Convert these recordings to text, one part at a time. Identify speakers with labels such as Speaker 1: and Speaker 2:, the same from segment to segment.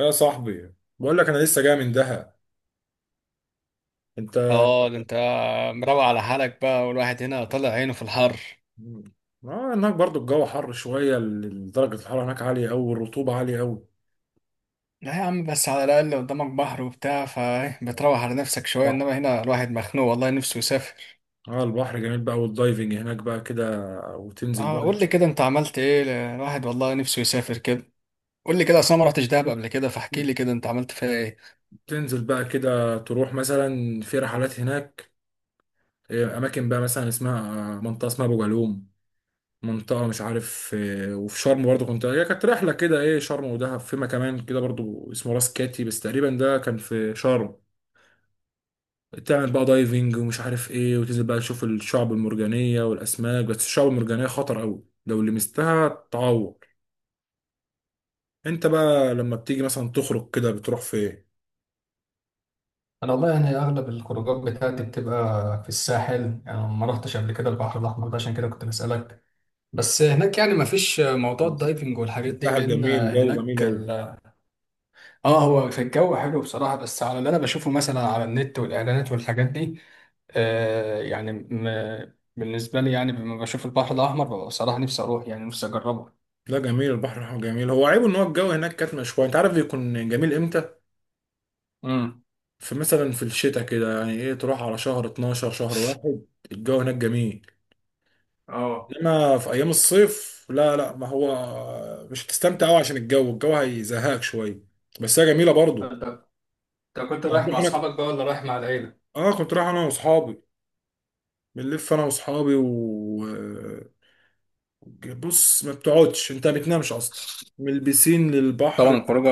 Speaker 1: يا صاحبي بقول لك انا لسه جاي من دهب. انت؟
Speaker 2: اه، ده انت مروق على حالك بقى، والواحد هنا طلع عينه في الحر.
Speaker 1: اه، هناك برضو الجو حر شويه. درجه الحراره هناك عاليه قوي والرطوبه عاليه قوي.
Speaker 2: لا يا عم، بس على الاقل قدامك بحر وبتاع، فبتروح على نفسك شويه،
Speaker 1: صح.
Speaker 2: انما هنا الواحد مخنوق والله نفسه يسافر.
Speaker 1: اه، البحر جميل بقى والدايفنج هناك بقى كده، وتنزل
Speaker 2: اه
Speaker 1: بقى
Speaker 2: قول لي
Speaker 1: تشوف.
Speaker 2: كده، انت عملت ايه الواحد والله نفسه يسافر كده. قول لي كده، اصل انا ما رحتش دهب قبل كده، فاحكي لي كده انت عملت فيها ايه.
Speaker 1: تنزل بقى كده تروح مثلا في رحلات هناك. اماكن بقى مثلا اسمها منطقه اسمها ابو جالوم. منطقه مش عارف. وفي شرم برضو كنت، هي كانت رحله كده، ايه، شرم ودهب، فيما كمان كده برضو اسمه راس كاتي، بس تقريبا ده كان في شرم. تعمل بقى دايفنج ومش عارف ايه، وتنزل بقى تشوف الشعب المرجانية والأسماك. بس الشعب المرجانية خطر أوي، لو لمستها تعور. انت بقى لما بتيجي مثلا تخرج كده بتروح فين؟
Speaker 2: انا والله يعني اغلب الخروجات بتاعتي بتبقى في الساحل، يعني ما رحتش قبل كده البحر الاحمر ده، عشان كده كنت بسالك. بس هناك يعني ما فيش موضوع
Speaker 1: بس.
Speaker 2: الدايفنج والحاجات دي،
Speaker 1: ساحل
Speaker 2: لان
Speaker 1: جميل، جو جميل
Speaker 2: هناك.
Speaker 1: أوي.
Speaker 2: اه، هو في الجو حلو بصراحة، بس على اللي انا بشوفه مثلا على النت والاعلانات والحاجات دي. آه يعني م... بالنسبة لي يعني، لما بشوف البحر الاحمر ببقى بصراحة نفسي اروح، يعني نفسي اجربه.
Speaker 1: لا، جميل، البحر الأحمر جميل. هو عيبه إن هو الجو هناك كاتمة شوية. أنت عارف بيكون جميل إمتى؟
Speaker 2: امم.
Speaker 1: في مثلا في الشتاء كده، يعني إيه، تروح على شهر 12، شهر واحد الجو هناك جميل.
Speaker 2: اه،
Speaker 1: إنما في أيام الصيف لا، لا ما هو مش هتستمتع أوي، عشان الجو، الجو هيزهقك شوية. بس هي جميلة برضه.
Speaker 2: انت انت كنت رايح مع
Speaker 1: هتروح انا...
Speaker 2: اصحابك بقى، ولا رايح مع العيلة؟
Speaker 1: اه، كنت رايح انا واصحابي. بنلف انا واصحابي و... بص، ما بتقعدش، انت ما بتنامش اصلا، من البسين
Speaker 2: طبعا
Speaker 1: للبحر.
Speaker 2: الخروجه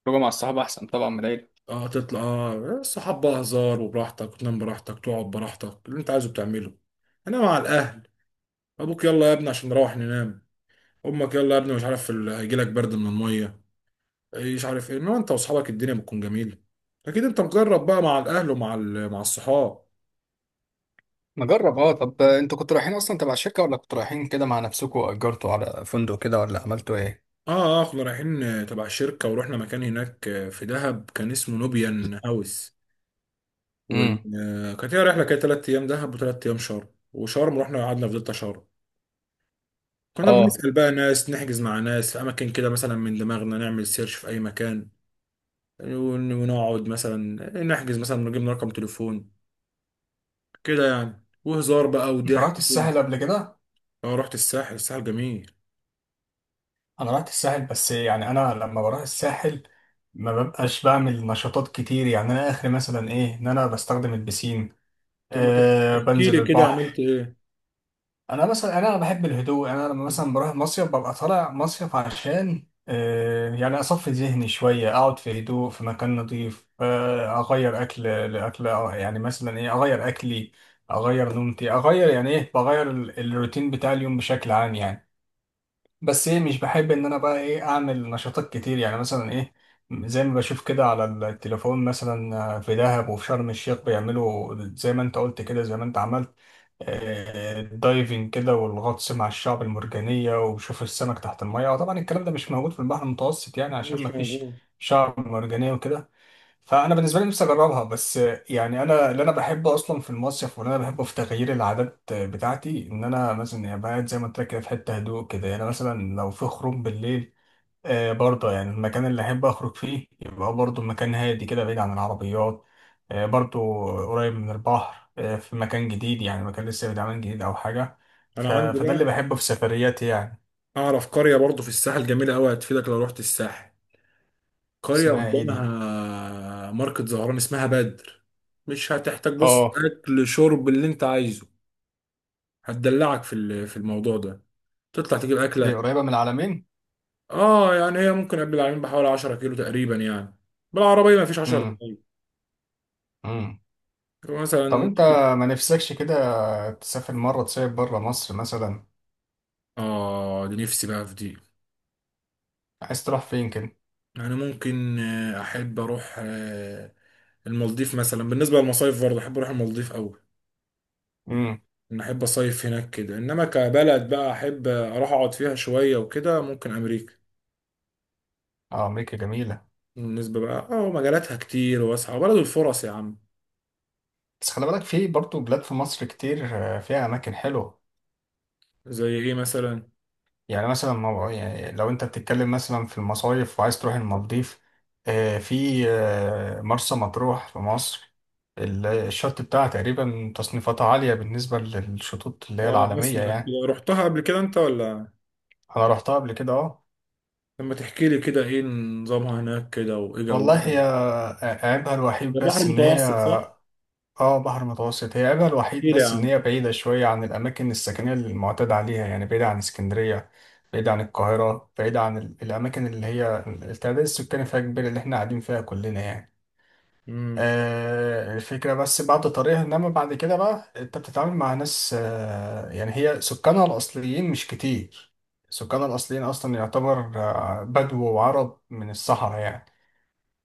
Speaker 2: الخروجه مع الصحاب احسن طبعا من العيلة.
Speaker 1: اه، تطلع، اه الصحاب بقى هزار وبراحتك، وتنام براحتك، تقعد براحتك، اللي انت عايزه بتعمله. انا مع الاهل: ابوك يلا يا ابني عشان نروح ننام، امك يلا يا ابني مش عارف هيجيلك برد من الميه، إيه مش عارف ايه. انما انت واصحابك الدنيا بتكون جميله. اكيد انت مجرب بقى مع الاهل ومع مع الصحاب.
Speaker 2: نجرب اه، طب انتوا كنتوا رايحين اصلا تبع الشركة، ولا كنتوا رايحين كده مع نفسكم، واجرتوا على فندق كده، ولا عملتوا ايه؟
Speaker 1: اه اه كنا رايحين تبع الشركة، ورحنا مكان هناك في دهب كان اسمه نوبيان هاوس. وال...
Speaker 2: امم.
Speaker 1: كانت هي رحلة، كانت تلات أيام دهب وتلات أيام شرم. وشرم رحنا قعدنا في دلتا شرم. كنا
Speaker 2: اه،
Speaker 1: بنسأل بقى ناس، نحجز مع ناس في أماكن كده مثلا من دماغنا، نعمل سيرش في أي مكان، ونقعد مثلا، نحجز مثلا، نجيب رقم تليفون كده يعني، وهزار بقى
Speaker 2: انت
Speaker 1: وضحك
Speaker 2: رحت
Speaker 1: طول.
Speaker 2: الساحل قبل كده؟
Speaker 1: اه، رحت الساحل. الساحل جميل.
Speaker 2: انا رحت الساحل، بس يعني انا لما بروح الساحل ما ببقاش بعمل نشاطات كتير، يعني انا اخر مثلا ايه ان انا بستخدم البسين.
Speaker 1: طب ما
Speaker 2: أه
Speaker 1: تحكي لي
Speaker 2: بنزل
Speaker 1: كده عملت
Speaker 2: البحر.
Speaker 1: ايه.
Speaker 2: انا مثلا انا بحب الهدوء، يعني انا لما مثلا بروح مصيف ببقى طالع مصيف عشان يعني اصفي ذهني شويه، اقعد في هدوء في مكان نظيف، اغير اكل لاكل، يعني مثلا ايه اغير اكلي. اغير نومتي، اغير يعني ايه، بغير الروتين بتاع اليوم بشكل عام يعني. بس ايه، مش بحب ان انا بقى ايه اعمل نشاطات كتير، يعني مثلا ايه. زي ما بشوف كده على التليفون، مثلا في دهب وفي شرم الشيخ بيعملوا زي ما انت قلت كده، زي ما انت عملت. الدايفنج كده، والغطس مع الشعب المرجانية، وبشوف السمك تحت المية. وطبعا الكلام ده مش موجود في البحر المتوسط يعني، عشان
Speaker 1: مش
Speaker 2: ما فيش
Speaker 1: موجود.
Speaker 2: شعب مرجانية وكده. فانا بالنسبه لي نفسي اجربها بس. يعني انا اللي انا بحبه اصلا في المصيف، واللي انا بحبه في تغيير العادات بتاعتي ان انا مثلا يعني بقعد زي ما قلت لك كده في حته هدوء كده. يعني مثلا لو في خروج بالليل، آه برضه يعني المكان اللي احب اخرج فيه يبقى برضه مكان هادي كده، بعيد عن العربيات، آه برضه، قريب من البحر، آه، في مكان جديد، يعني مكان لسه بيتعمل جديد او حاجه.
Speaker 1: انا عندي
Speaker 2: فده اللي
Speaker 1: بقى،
Speaker 2: بحبه في سفرياتي يعني.
Speaker 1: اعرف قرية برضو في الساحل جميلة قوي، هتفيدك لو رحت الساحل. قرية
Speaker 2: اسمها ايه دي؟
Speaker 1: قدامها ماركت زهران اسمها بدر. مش هتحتاج، بص
Speaker 2: اه
Speaker 1: اكل شرب اللي انت عايزه، هتدلعك في في الموضوع ده. تطلع تجيب
Speaker 2: دي
Speaker 1: اكلك.
Speaker 2: قريبه من العلمين.
Speaker 1: اه، يعني هي ممكن قبل العالمين بحوالي 10 كيلو تقريبا يعني. بالعربية مفيش 10 دقايق.
Speaker 2: امم. طب
Speaker 1: مثلا
Speaker 2: انت، ما نفسكش كده تسافر مرة تصيف بره مصر مثلا؟
Speaker 1: اه دي نفسي بقى في دي.
Speaker 2: عايز تروح فين كده؟
Speaker 1: يعني ممكن، احب اروح، المالديف مثلا. بالنسبة للمصايف برضه احب اروح المالديف قوي.
Speaker 2: امم.
Speaker 1: أنا أحب أصيف هناك كده. إنما كبلد بقى أحب أروح أقعد فيها شوية وكده، ممكن أمريكا.
Speaker 2: اه، امريكا جميلة.
Speaker 1: بالنسبة بقى أه، مجالاتها كتير واسعة، بلد الفرص يا عم.
Speaker 2: بس خلي بالك، في برضه بلاد في مصر كتير، فيها اماكن حلوة.
Speaker 1: زي إيه مثلا؟
Speaker 2: يعني مثلا يعني لو انت بتتكلم مثلا في المصايف وعايز تروح المالديف، في مرسى مطروح في مصر. الشط بتاعها تقريبا تصنيفاتها عالية، بالنسبة للشطوط اللي هي
Speaker 1: أه،
Speaker 2: العالمية
Speaker 1: أسمع
Speaker 2: يعني.
Speaker 1: كده، رحتها قبل كده أنت ولا...؟
Speaker 2: انا رحتها قبل كده اه.
Speaker 1: لما تحكي لي كده إيه نظامها هناك كده وإيه
Speaker 2: والله
Speaker 1: جوها.
Speaker 2: هي عيبها الوحيد
Speaker 1: ده بحر
Speaker 2: بس ان هي.
Speaker 1: متوسط صح؟
Speaker 2: اه، بحر متوسط. هي عيبها الوحيد
Speaker 1: احكي لي يا
Speaker 2: بس ان
Speaker 1: عم.
Speaker 2: هي بعيدة شوية عن الاماكن السكنية اللي المعتاد عليها، يعني بعيدة عن اسكندرية، بعيدة عن القاهرة، بعيدة عن الاماكن اللي هي التعداد السكاني فيها كبير، اللي احنا قاعدين فيها كلنا يعني.
Speaker 1: مم.
Speaker 2: آه الفكرة بس بعد طريقها، انما بعد كده بقى انت بتتعامل مع ناس، آه يعني هي سكانها الاصليين مش كتير. سكانها الاصليين اصلا يعتبر بدو وعرب من الصحراء يعني.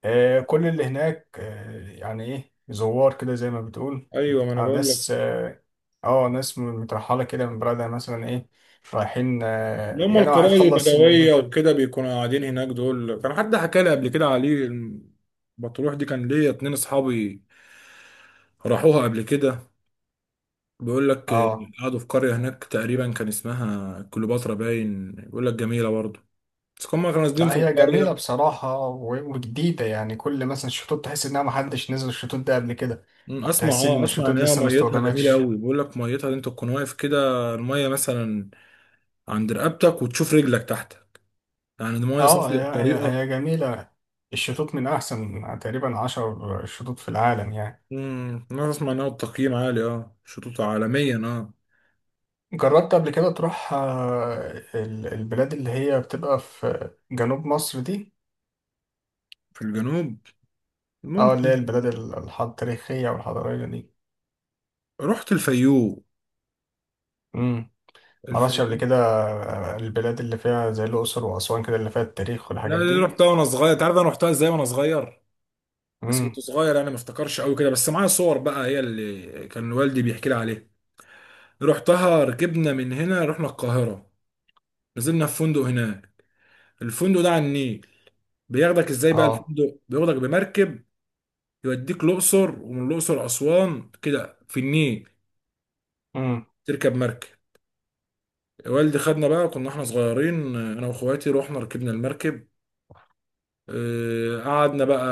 Speaker 2: كل اللي هناك يعني ايه زوار كده زي ما بتقول.
Speaker 1: ايوه ما انا بقول لك.
Speaker 2: ناس اه. ناس مترحلة كده من بلدها، مثلا ايه رايحين،
Speaker 1: اللي هم
Speaker 2: يعني واحد
Speaker 1: القبائل
Speaker 2: خلص
Speaker 1: البدويه وكده بيكونوا قاعدين هناك. دول كان حد حكى لي قبل كده عليه بتروح دي، كان ليا اتنين اصحابي راحوها قبل كده، بيقول لك
Speaker 2: اه.
Speaker 1: قعدوا في قرية هناك تقريبا كان اسمها كليوباترا، باين بيقول لك جميلة برضه، بس هما كانوا نازلين في
Speaker 2: لا هي جميلة
Speaker 1: القرية.
Speaker 2: بصراحة وجديدة، يعني كل مثلا الشطوط تحس انها محدش نزل الشطوط ده قبل كده،
Speaker 1: أمم،
Speaker 2: او
Speaker 1: اسمع،
Speaker 2: تحس
Speaker 1: اه
Speaker 2: ان
Speaker 1: اسمع
Speaker 2: الشطوط
Speaker 1: ان هي
Speaker 2: لسه ما
Speaker 1: ميتها جميلة
Speaker 2: استخدمتش.
Speaker 1: قوي. بيقول لك ميتها دي انت تكون واقف كده، المية مثلا عند رقبتك وتشوف رجلك تحت، يعني المية
Speaker 2: اه،
Speaker 1: صافية
Speaker 2: هي هي
Speaker 1: بطريقة...
Speaker 2: هي جميلة. الشطوط من احسن تقريبا 10 شطوط في العالم يعني.
Speaker 1: امم، انا اسمع انها التقييم عالي، اه شطوط عالميا، اه.
Speaker 2: جربت قبل كده تروح البلاد اللي هي بتبقى في جنوب مصر دي؟
Speaker 1: في الجنوب.
Speaker 2: اه اللي
Speaker 1: ممكن.
Speaker 2: هي البلاد التاريخية والحضارية دي.
Speaker 1: رحت الفيوم.
Speaker 2: امم. مرحتش قبل
Speaker 1: الفيوم.
Speaker 2: كده. البلاد اللي فيها زي الأقصر وأسوان كده، اللي فيها التاريخ
Speaker 1: لا
Speaker 2: والحاجات
Speaker 1: دي
Speaker 2: دي.
Speaker 1: رحتها وانا صغير. تعرف انا رحتها ازاي وانا صغير؟ بس
Speaker 2: امم.
Speaker 1: كنت صغير انا، ما افتكرش قوي كده، بس معايا صور بقى، هي اللي كان والدي بيحكي لي عليها. رحتها، ركبنا من هنا، رحنا القاهرة، نزلنا في فندق هناك. الفندق ده على النيل، بياخدك ازاي بقى
Speaker 2: اه.
Speaker 1: الفندق؟ بياخدك بمركب، يوديك الأقصر، ومن الأقصر أسوان كده في النيل،
Speaker 2: امم.
Speaker 1: تركب مركب. والدي خدنا بقى، كنا احنا صغيرين انا واخواتي، رحنا ركبنا المركب. قعدنا بقى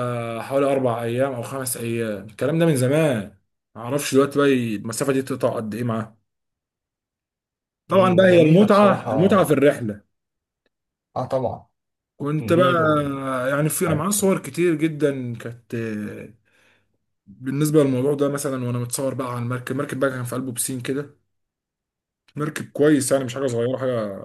Speaker 1: حوالي 4 ايام او 5 ايام. الكلام ده من زمان، معرفش دلوقتي بقى المسافة دي تقطع قد ايه معاه. طبعا
Speaker 2: أمم، ده
Speaker 1: بقى هي
Speaker 2: جميلة
Speaker 1: المتعه،
Speaker 2: بصراحة.
Speaker 1: المتعه في الرحله.
Speaker 2: اه طبعا.
Speaker 1: كنت بقى
Speaker 2: النيل والمركب.
Speaker 1: يعني، في انا معايا صور كتير جدا كانت بالنسبه للموضوع ده مثلا، وانا متصور بقى على المركب. المركب بقى كان في قلبه بسين كده، مركب كويس يعني، مش حاجه صغيره حاجه،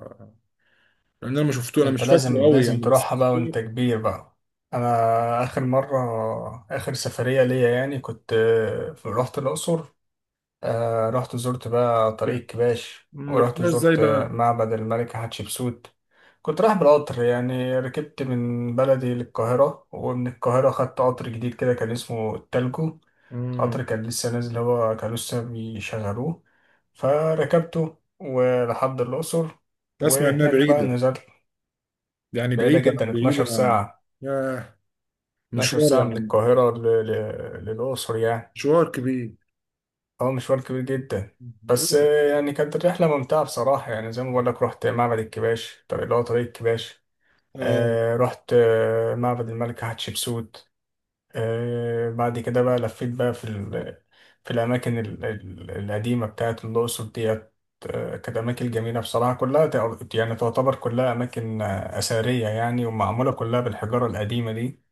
Speaker 1: لان انا ما شفته،
Speaker 2: ده
Speaker 1: انا
Speaker 2: انت
Speaker 1: مش فاكره
Speaker 2: لازم
Speaker 1: قوي
Speaker 2: لازم
Speaker 1: يعني، بس...
Speaker 2: تروحها بقى وانت كبير بقى. انا اخر مرة، اخر سفرية ليا يعني، كنت رحت الأقصر. آه رحت زرت بقى طريق كباش،
Speaker 1: مم،
Speaker 2: ورحت
Speaker 1: رحتها ازاي
Speaker 2: زرت
Speaker 1: بقى.
Speaker 2: معبد الملكة حتشبسوت. كنت رايح بالقطر، يعني ركبت من بلدي للقاهرة، ومن القاهرة خدت قطر جديد كده كان اسمه التالجو.
Speaker 1: مم،
Speaker 2: قطر كان لسه نازل، هو كان لسه بيشغلوه. فركبته ولحد الأقصر.
Speaker 1: اسمع انها
Speaker 2: وهناك بقى
Speaker 1: بعيده،
Speaker 2: نزلت.
Speaker 1: يعني
Speaker 2: بعيدة
Speaker 1: بعيده
Speaker 2: جدا،
Speaker 1: بعيده.
Speaker 2: 12 ساعة.
Speaker 1: ياه،
Speaker 2: 12
Speaker 1: مشوار
Speaker 2: ساعة من
Speaker 1: يعني.
Speaker 2: القاهرة للأقصر يعني.
Speaker 1: مشوار كبير.
Speaker 2: اه، مشوار كبير جدا. بس يعني كانت الرحلة ممتعة بصراحة، يعني زي ما بقول لك رحت معبد الكباش، طب اللي هو طريق الكباش.
Speaker 1: آه.
Speaker 2: رحت معبد الملكة حتشبسوت. آه بعد كده بقى لفيت بقى في ال، في الأماكن القديمة بتاعت الأقصر ديت. كانت أماكن جميلة بصراحة، كلها يعني تعتبر كلها أماكن أثرية يعني، ومعمولة كلها بالحجارة القديمة دي.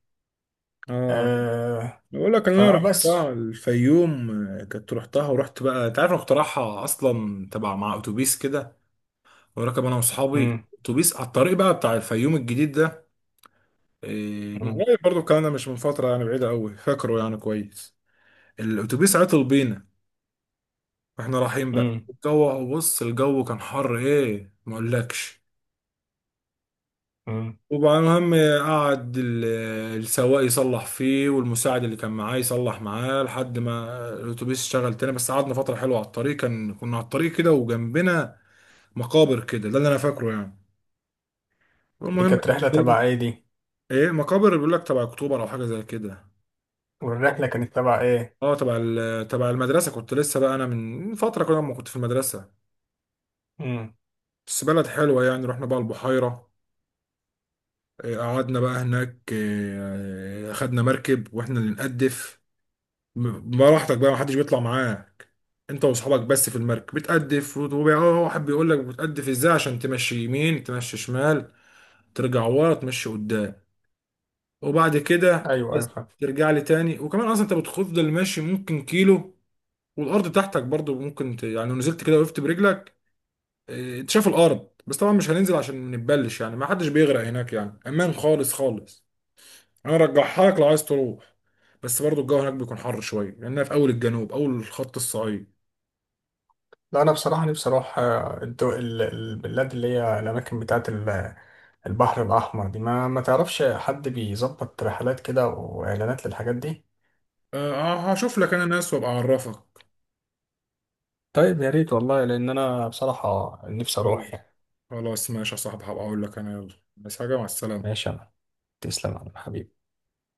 Speaker 1: آه،
Speaker 2: آه.
Speaker 1: بقول لك انا
Speaker 2: فبس.
Speaker 1: رحتها الفيوم. كنت رحتها، ورحت بقى، انت عارف انا كنت رايحها اصلا تبع مع اتوبيس كده، وراكب انا واصحابي
Speaker 2: مم.
Speaker 1: اتوبيس على الطريق بقى بتاع الفيوم الجديد ده. إيه، من
Speaker 2: مم.
Speaker 1: قريب برضه الكلام ده، مش من فتره يعني بعيده قوي، فاكره يعني كويس. الاتوبيس عطل بينا، واحنا رايحين بقى.
Speaker 2: مم.
Speaker 1: الجو، بص الجو كان حر، ايه، ما اقولكش.
Speaker 2: مم.
Speaker 1: وبقى المهم، قعد السواق يصلح فيه، والمساعد اللي كان معاه يصلح معاه، لحد ما الاتوبيس اشتغل تاني. بس قعدنا فترة حلوة على الطريق، كان كنا على الطريق كده وجنبنا مقابر كده، ده اللي انا فاكره يعني.
Speaker 2: دي
Speaker 1: المهم...
Speaker 2: كانت رحلة تبع ايه دي؟
Speaker 1: ايه، مقابر بيقول لك تبع اكتوبر او حاجة زي كده.
Speaker 2: والرحلة كانت تبع إيه؟
Speaker 1: اه تبع تبع المدرسة، كنت لسه بقى انا من فترة كده لما كنت في المدرسة.
Speaker 2: امم.
Speaker 1: بس بلد حلوة يعني. رحنا بقى البحيرة، إيه، قعدنا بقى هناك، إيه، خدنا مركب واحنا اللي نقدف. براحتك بقى، محدش بيطلع معاك، انت واصحابك بس في المركب، بتقدف وواحد بيقول لك بتقدف ازاي عشان تمشي يمين، تمشي شمال، ترجع ورا، تمشي قدام. وبعد كده
Speaker 2: أيوه أيوه،
Speaker 1: عايز
Speaker 2: فاهم.
Speaker 1: ترجع لي تاني. وكمان اصلا انت بتفضل ماشي ممكن كيلو، والارض تحتك برضو ممكن يعني لو نزلت كده وقفت برجلك، اه، انت شايف الارض. بس طبعا مش هننزل عشان ما نتبلش يعني، ما حدش بيغرق هناك يعني، امان خالص خالص. انا ارجعها لك لو عايز تروح. بس برضو الجو هناك بيكون حر شويه، لانها في اول الجنوب، اول الخط الصعيد.
Speaker 2: لا، أنا بصراحة نفسي أروح البلاد اللي هي الأماكن بتاعة البحر الأحمر دي. ما تعرفش حد بيظبط رحلات كده وإعلانات للحاجات دي؟
Speaker 1: أه هشوف لك انا ناس وابقى اعرفك.
Speaker 2: طيب يا ريت والله، لأن أنا بصراحة نفسي أروح
Speaker 1: خلاص،
Speaker 2: يعني.
Speaker 1: خلاص ماشي يا صاحبي. هبقى اقول لك انا. يلا بس، حاجة مع السلامة.
Speaker 2: ماشي أنا. تسلم يا عم حبيبي.